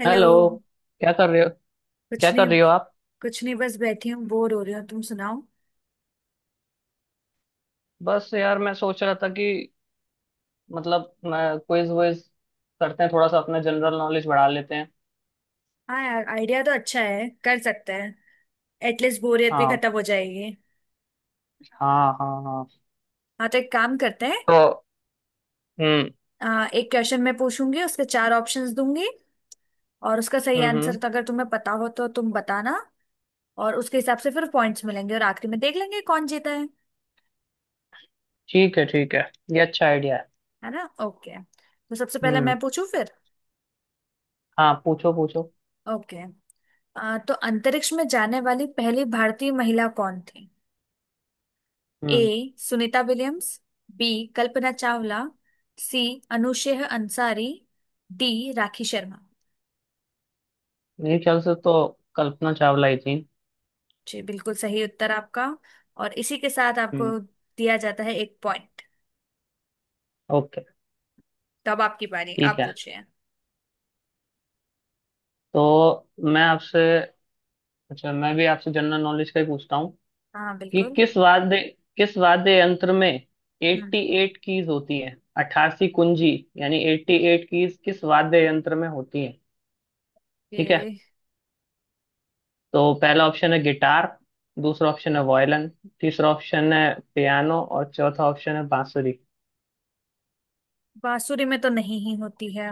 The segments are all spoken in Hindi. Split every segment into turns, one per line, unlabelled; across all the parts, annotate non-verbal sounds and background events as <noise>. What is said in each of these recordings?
हेलो।
हेलो। क्या कर रहे हो? क्या
कुछ नहीं।
कर रही हो आप?
कुछ नहीं, बस बैठी हूँ, बोर हो रही हूँ। तुम सुनाओ।
बस यार, मैं सोच रहा था कि मतलब मैं क्विज वुइज करते हैं, थोड़ा सा अपना जनरल नॉलेज बढ़ा लेते हैं।
हाँ यार, आइडिया तो अच्छा है, कर सकते हैं। एटलीस्ट बोरियत भी
हाँ
खत्म हो जाएगी।
हाँ हाँ। हाँ।
हाँ, तो एक काम करते हैं।
तो। हम्म।
एक क्वेश्चन मैं पूछूंगी, उसके चार ऑप्शंस दूंगी, और उसका सही आंसर
हम्म।
तो अगर तुम्हें पता हो तो तुम बताना। और उसके हिसाब से फिर पॉइंट्स मिलेंगे और आखिरी में देख लेंगे कौन जीता है।
ठीक है, ठीक है। ये अच्छा आइडिया है।
है ना। ओके, तो सबसे पहले
हम्म।
मैं पूछूं फिर।
हाँ, पूछो पूछो।
ओके। तो अंतरिक्ष में जाने वाली पहली भारतीय महिला कौन थी। A,
hmm.
Sunita Williams. B, Kalpana Chawla. C, Anousheh Ansari. D, Rakhi Sharma.
मेरे ख्याल से तो कल्पना चावला ही थी।
जी, बिल्कुल सही उत्तर आपका। और इसी के साथ
हम्म।
आपको दिया जाता है एक पॉइंट।
ओके।
तो अब आपकी बारी,
ठीक
आप
है।
पूछिए।
तो मैं आपसे... अच्छा, मैं भी आपसे जनरल नॉलेज का ही पूछता हूँ
हाँ
कि
बिल्कुल।
किस वाद्य यंत्र में
हम्म।
88 कीज होती है। 88 कुंजी यानी 88 कीज किस वाद्य यंत्र में होती है। ठीक है।
ये
तो पहला ऑप्शन है गिटार, दूसरा ऑप्शन है वायलिन, तीसरा ऑप्शन है पियानो और चौथा ऑप्शन है बांसुरी।
बांसुरी में तो नहीं ही होती है।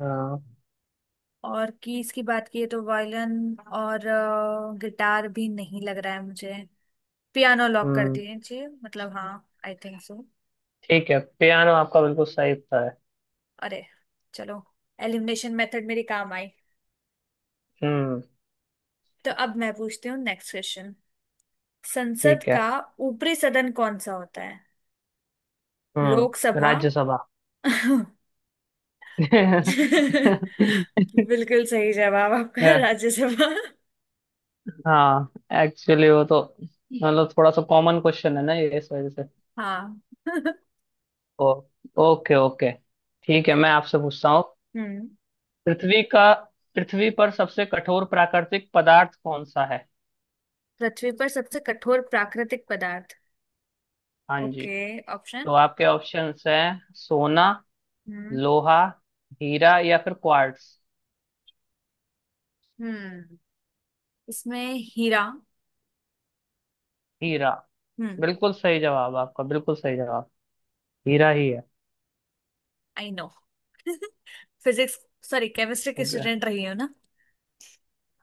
हाँ,
और कीज की बात की तो वायलिन और गिटार भी नहीं लग रहा है मुझे। पियानो लॉक कर
हम्म।
दिए जी, मतलब हाँ। I think so.
ठीक है, पियानो आपका बिल्कुल सही उत्तर है।
अरे चलो, एलिमिनेशन मेथड मेरी काम आई।
हम्म।
तो अब मैं पूछती हूँ नेक्स्ट क्वेश्चन। संसद
ठीक है।
का ऊपरी सदन कौन सा होता है। लोकसभा।
राज्यसभा।
<laughs>
<laughs>
बिल्कुल सही जवाब आपका, राज्यसभा।
हाँ। एक्चुअली वो तो मतलब थोड़ा सा कॉमन क्वेश्चन है ना, ये, इस वजह से।
हाँ। <laughs>
ओ। Okay okay. ठीक है,
ओके।
मैं आपसे पूछता हूँ
हम्म
पृथ्वी का पृथ्वी पर सबसे कठोर प्राकृतिक पदार्थ कौन सा है?
पृथ्वी पर सबसे कठोर प्राकृतिक पदार्थ।
हाँ जी।
Okay, option.
तो आपके ऑप्शंस हैं सोना,
हम्म।
लोहा, हीरा या फिर क्वार्ट्स।
हम्म। इसमें हीरा।
हीरा।
हम्म।
बिल्कुल सही जवाब आपका, बिल्कुल सही जवाब। हीरा ही है।
I no. <laughs> Physics, sorry chemistry की
ओके।
स्टूडेंट <laughs> रही हो ना।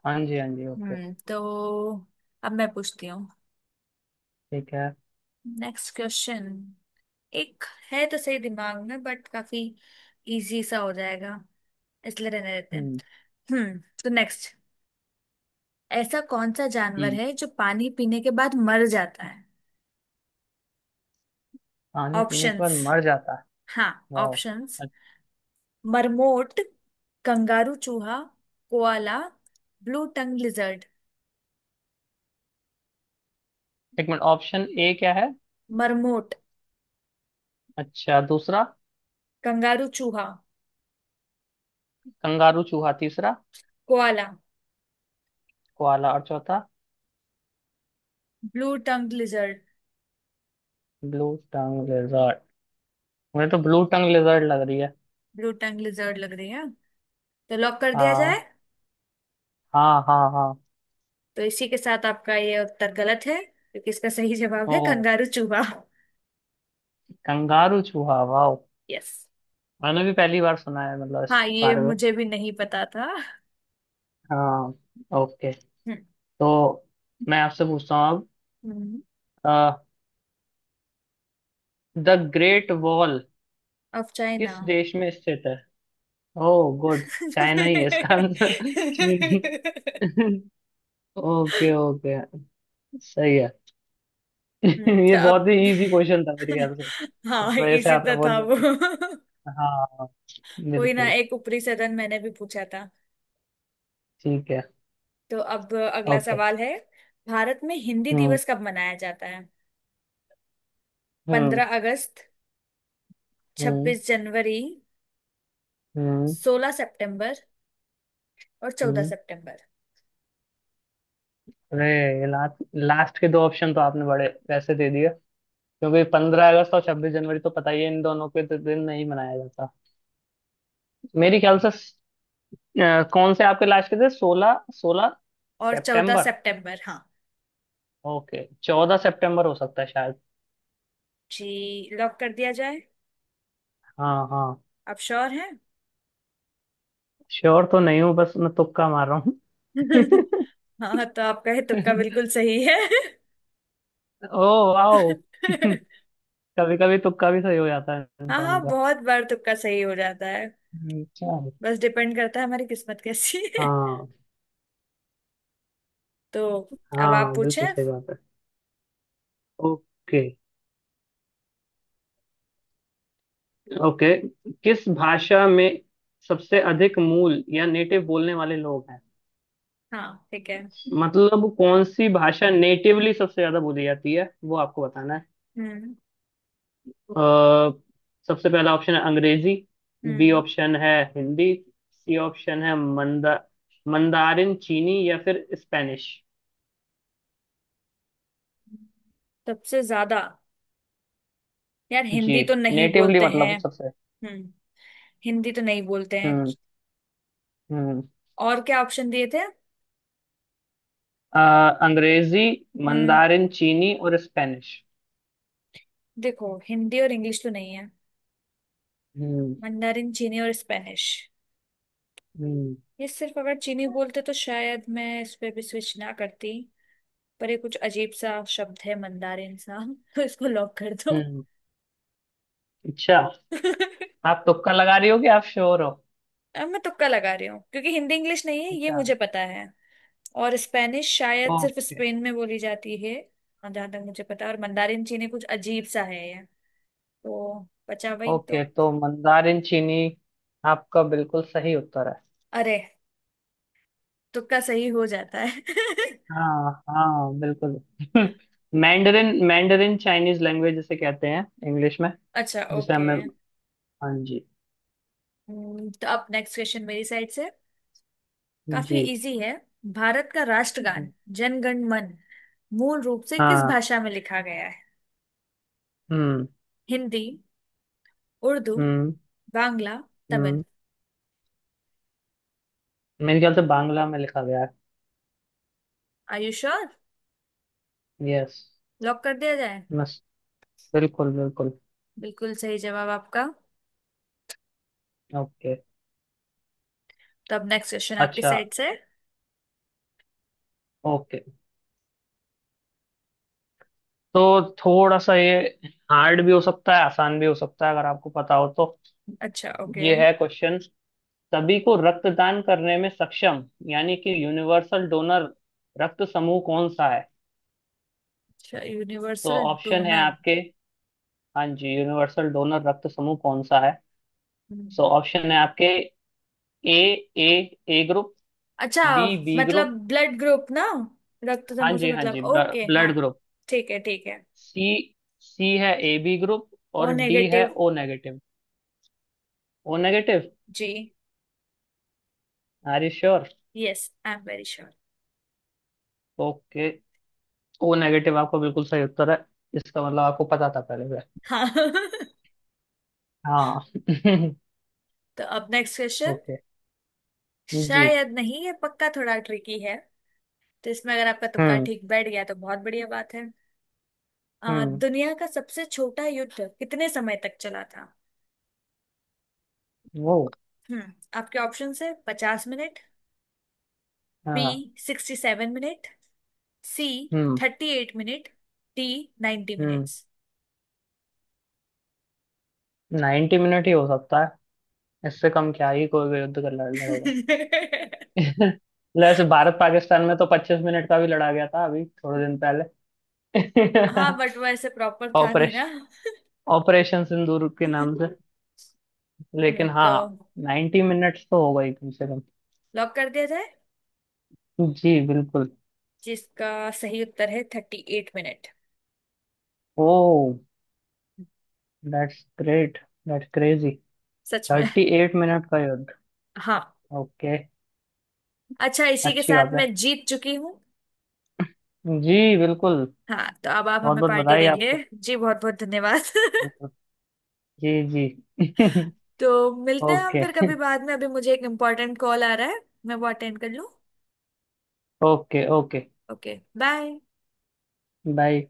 हाँ जी, हाँ जी। ओके।
हम्म तो अब मैं पूछती हूँ
ठीक है।
Next question. एक है तो सही दिमाग में, बट काफी इजी सा हो जाएगा, इसलिए रहने देते हैं।
हम्म।
नेक्स्ट। ऐसा कौन सा जानवर
हम्म
है जो पानी पीने के बाद मर जाता है।
पानी पीने के बाद
ऑप्शंस।
मर जाता है।
हाँ।
वाह।
ऑप्शंस। मरमोट, कंगारू चूहा, कोआला, ब्लू टंग लिजर्ड।
एक मिनट, ऑप्शन ए क्या है?
मरमोट।
अच्छा, दूसरा?
कंगारू चूहा।
कंगारू चूहा। तीसरा?
कोआला।
कोआला और चौथा?
Blue tongue lizard.
Blue... tongue lizard. मुझे तो ब्लू टंग लेजर्ड लग रही है।
ब्लू टंग लिजर्ड लग रही है, तो लॉक कर दिया जाए।
हाँ। हाँ हाँ हाँ।
तो इसी के साथ आपका ये उत्तर गलत है, क्योंकि इसका सही जवाब
ओ।
है कंगारू चूहा।
कंगारू चूहा, वाह।
यस।
मैंने भी पहली बार सुना है, मतलब इस
हाँ, ये
बारे में।
मुझे भी नहीं पता था।
हाँ। ओके। तो मैं आपसे पूछता हूँ
हम्म।
अब द ग्रेट वॉल
अब चाइना।
किस देश में स्थित है। Oh, good. चाइना ही है इसका आंसर। चीन ही। Okay okay. सही है। <laughs> ये
तो अब
बहुत ही इजी क्वेश्चन था मेरे ख्याल
<laughs>
से।
हाँ
इस वजह से
इसी
आपने
तो
बहुत
था वो।
जल्दी... हाँ,
कोई ना,
बिल्कुल।
एक ऊपरी सदन मैंने भी पूछा था।
ठीक है।
तो अब अगला
ओके।
सवाल है, भारत में हिंदी
हम्म।
दिवस कब मनाया जाता है।
हम्म।
15 अगस्त,
हम्म।
26 जनवरी,
हम्म।
16 सितंबर और चौदह
हम्म।
सितंबर
अरे, लास्ट... लास्ट के दो ऑप्शन तो आपने बड़े वैसे दे दिए, क्योंकि 15 अगस्त और 26 जनवरी तो पता ही है, इन दोनों के तो दिन नहीं मनाया जाता मेरे ख्याल से। कौन से आपके लास्ट के थे? सोलह... सोलह
और चौदह
सितंबर
सितंबर हाँ
ओके, 14 सितंबर हो सकता है शायद।
जी। लॉक कर दिया जाए।
हाँ हाँ।
आप श्योर हैं।
श्योर तो नहीं हूँ, बस मैं तुक्का मार रहा हूँ।
<laughs> हाँ, तो आपका ये तुक्का बिल्कुल
<laughs>
सही है।
ओ, वाओ।
<laughs>
<laughs> कभी कभी तुक्का भी सही हो जाता है
हाँ
इंसान
हाँ,
का।
बहुत बार तुक्का सही हो जाता है।
अच्छा।
बस डिपेंड करता है हमारी किस्मत कैसी है। <laughs>
हाँ,
तो अब आप
हाँ
पूछे।
बिल्कुल सही बात है। ओके। ओके। किस भाषा में सबसे अधिक मूल या नेटिव बोलने वाले लोग हैं?
हाँ ठीक है।
मतलब कौन सी भाषा नेटिवली सबसे ज्यादा बोली जाती है, वो आपको बताना है।
हम्म।
अ, सबसे पहला ऑप्शन है अंग्रेजी, बी
हम्म।
ऑप्शन है हिंदी, सी ऑप्शन है मंदारिन चीनी या फिर स्पेनिश।
सबसे ज्यादा। यार
जी,
हिंदी तो नहीं
नेटिवली
बोलते हैं।
मतलब सबसे...
हम्म। हिंदी तो नहीं बोलते हैं।
हम्म। हम्म।
और क्या ऑप्शन दिए थे।
अ, अंग्रेजी,
हम्म।
मंदारिन चीनी और स्पेनिश।
देखो हिंदी और इंग्लिश तो नहीं है।
हम्म।
मंdarin चीनी और स्पेनिश।
हम्म।
ये सिर्फ अगर चीनी बोलते तो शायद मैं इस पे भी स्विच ना करती। पर ये कुछ अजीब सा शब्द है मंदारिन सा, <laughs> तो इसको लॉक कर दो।
हम्म। अच्छा,
<laughs>
आप तुक्का लगा रही हो कि आप श्योर हो?
अब मैं तुक्का लगा रही हूँ क्योंकि हिंदी इंग्लिश नहीं है ये
अच्छा।
मुझे पता है। और स्पेनिश शायद सिर्फ
ओके।
स्पेन में बोली जाती है और जहां तक मुझे पता है। और मंदारिन चीनी कुछ अजीब सा है ये। तो बचा वही
ओके
तो।
तो मंदारिन चीनी आपका बिल्कुल सही उत्तर है।
अरे, तुक्का सही हो जाता है। <laughs>
हाँ हाँ, बिल्कुल। <laughs> मैंडरिन, मैंडरिन चाइनीज लैंग्वेज जिसे कहते हैं इंग्लिश में,
अच्छा
जिसे
ओके।
हमें... हाँ जी।
अब नेक्स्ट क्वेश्चन मेरी साइड से, काफी
जी।
इजी है। भारत का राष्ट्रगान
हम्म।
जन गण मन मूल रूप से किस
हाँ।
भाषा में लिखा गया है।
हम्म।
हिंदी, उर्दू,
हम्म।
बांग्ला, तमिल।
हम्म। मेरे ख्याल से बांग्ला में लिखा गया
आर यू श्योर।
है, यस।
लॉक कर दिया जाए।
बस, बिल्कुल बिल्कुल।
बिल्कुल सही जवाब आपका।
ओके।
तो अब नेक्स्ट क्वेश्चन आपकी
अच्छा,
साइड से।
ओके। तो थोड़ा सा ये हार्ड भी हो सकता है, आसान भी हो सकता है, अगर आपको पता हो तो।
अच्छा ओके।
ये है क्वेश्चन: सभी को रक्तदान करने में सक्षम, यानी कि यूनिवर्सल डोनर रक्त समूह कौन सा है?
अच्छा,
तो
यूनिवर्सल
ऑप्शन है
डोनर।
आपके... हाँ जी, यूनिवर्सल डोनर रक्त समूह कौन सा है? सो ऑप्शन है आपके ए... ए... ए ग्रुप,
अच्छा,
बी बी
मतलब
ग्रुप...
ब्लड ग्रुप ना। रक्त
हाँ
समूह से
जी, हाँ
मतलब,
जी,
ओके हाँ।
Blood group.
ठीक है ठीक है।
सी... सी है ए बी ग्रुप
ओ
और डी है
negative.
O negative. O negative.
जी।
Are you sure?
Yes, I am very sure.
Okay, O negative आपका बिल्कुल सही उत्तर है। इसका मतलब आपको पता था पहले से?
हाँ। <laughs>
हाँ।
तो अब नेक्स्ट
<laughs>
क्वेश्चन।
ओके। जी।
शायद नहीं, ये पक्का थोड़ा ट्रिकी है। तो इसमें अगर आपका तुक्का
हम्म।
ठीक बैठ गया तो बहुत बढ़िया बात है।
हम्म।
दुनिया का सबसे छोटा युद्ध कितने समय तक चला था।
वो...
हम्म। आपके ऑप्शन है 50 मिनट। बी,
हाँ।
67 मिनट। सी,
हम्म।
38 minute. D, ninety
hmm
minutes
90 minute ही हो सकता है। इससे कम क्या ही कोई भी युद्ध कर लड़ेगा।
<laughs>
<laughs> वैसे भारत पाकिस्तान में तो 25 मिनट का भी लड़ा गया था अभी थोड़े दिन पहले। <laughs>
हाँ बट वो ऐसे प्रॉपर था नहीं ना।
ऑपरेशन, ऑपरेशन सिंदूर के नाम
<laughs>
से।
हम्म,
लेकिन हाँ,
तो
90 मिनट्स तो होगा ही कम से कम।
लॉक कर दिया जाए।
जी बिल्कुल।
जिसका सही उत्तर है 38 minute.
Oh, that's great. That's crazy.
सच में।
38 मिनट का युद्ध।
हाँ।
ओके।
अच्छा, इसी के
अच्छी
साथ
बात है।
मैं जीत चुकी हूँ।
जी बिल्कुल।
हाँ, तो अब आप
बहुत
हमें
बहुत
पार्टी
बधाई
देंगे
आपको।
जी, बहुत बहुत धन्यवाद। <laughs>
बिल्कुल। जी जी।
तो
<laughs>
मिलते हैं हम
ओके।
फिर कभी बाद में, अभी मुझे एक इम्पोर्टेंट कॉल आ रहा है। मैं वो अटेंड कर लूँ।
Okay. Okay
okay bye.
Bye.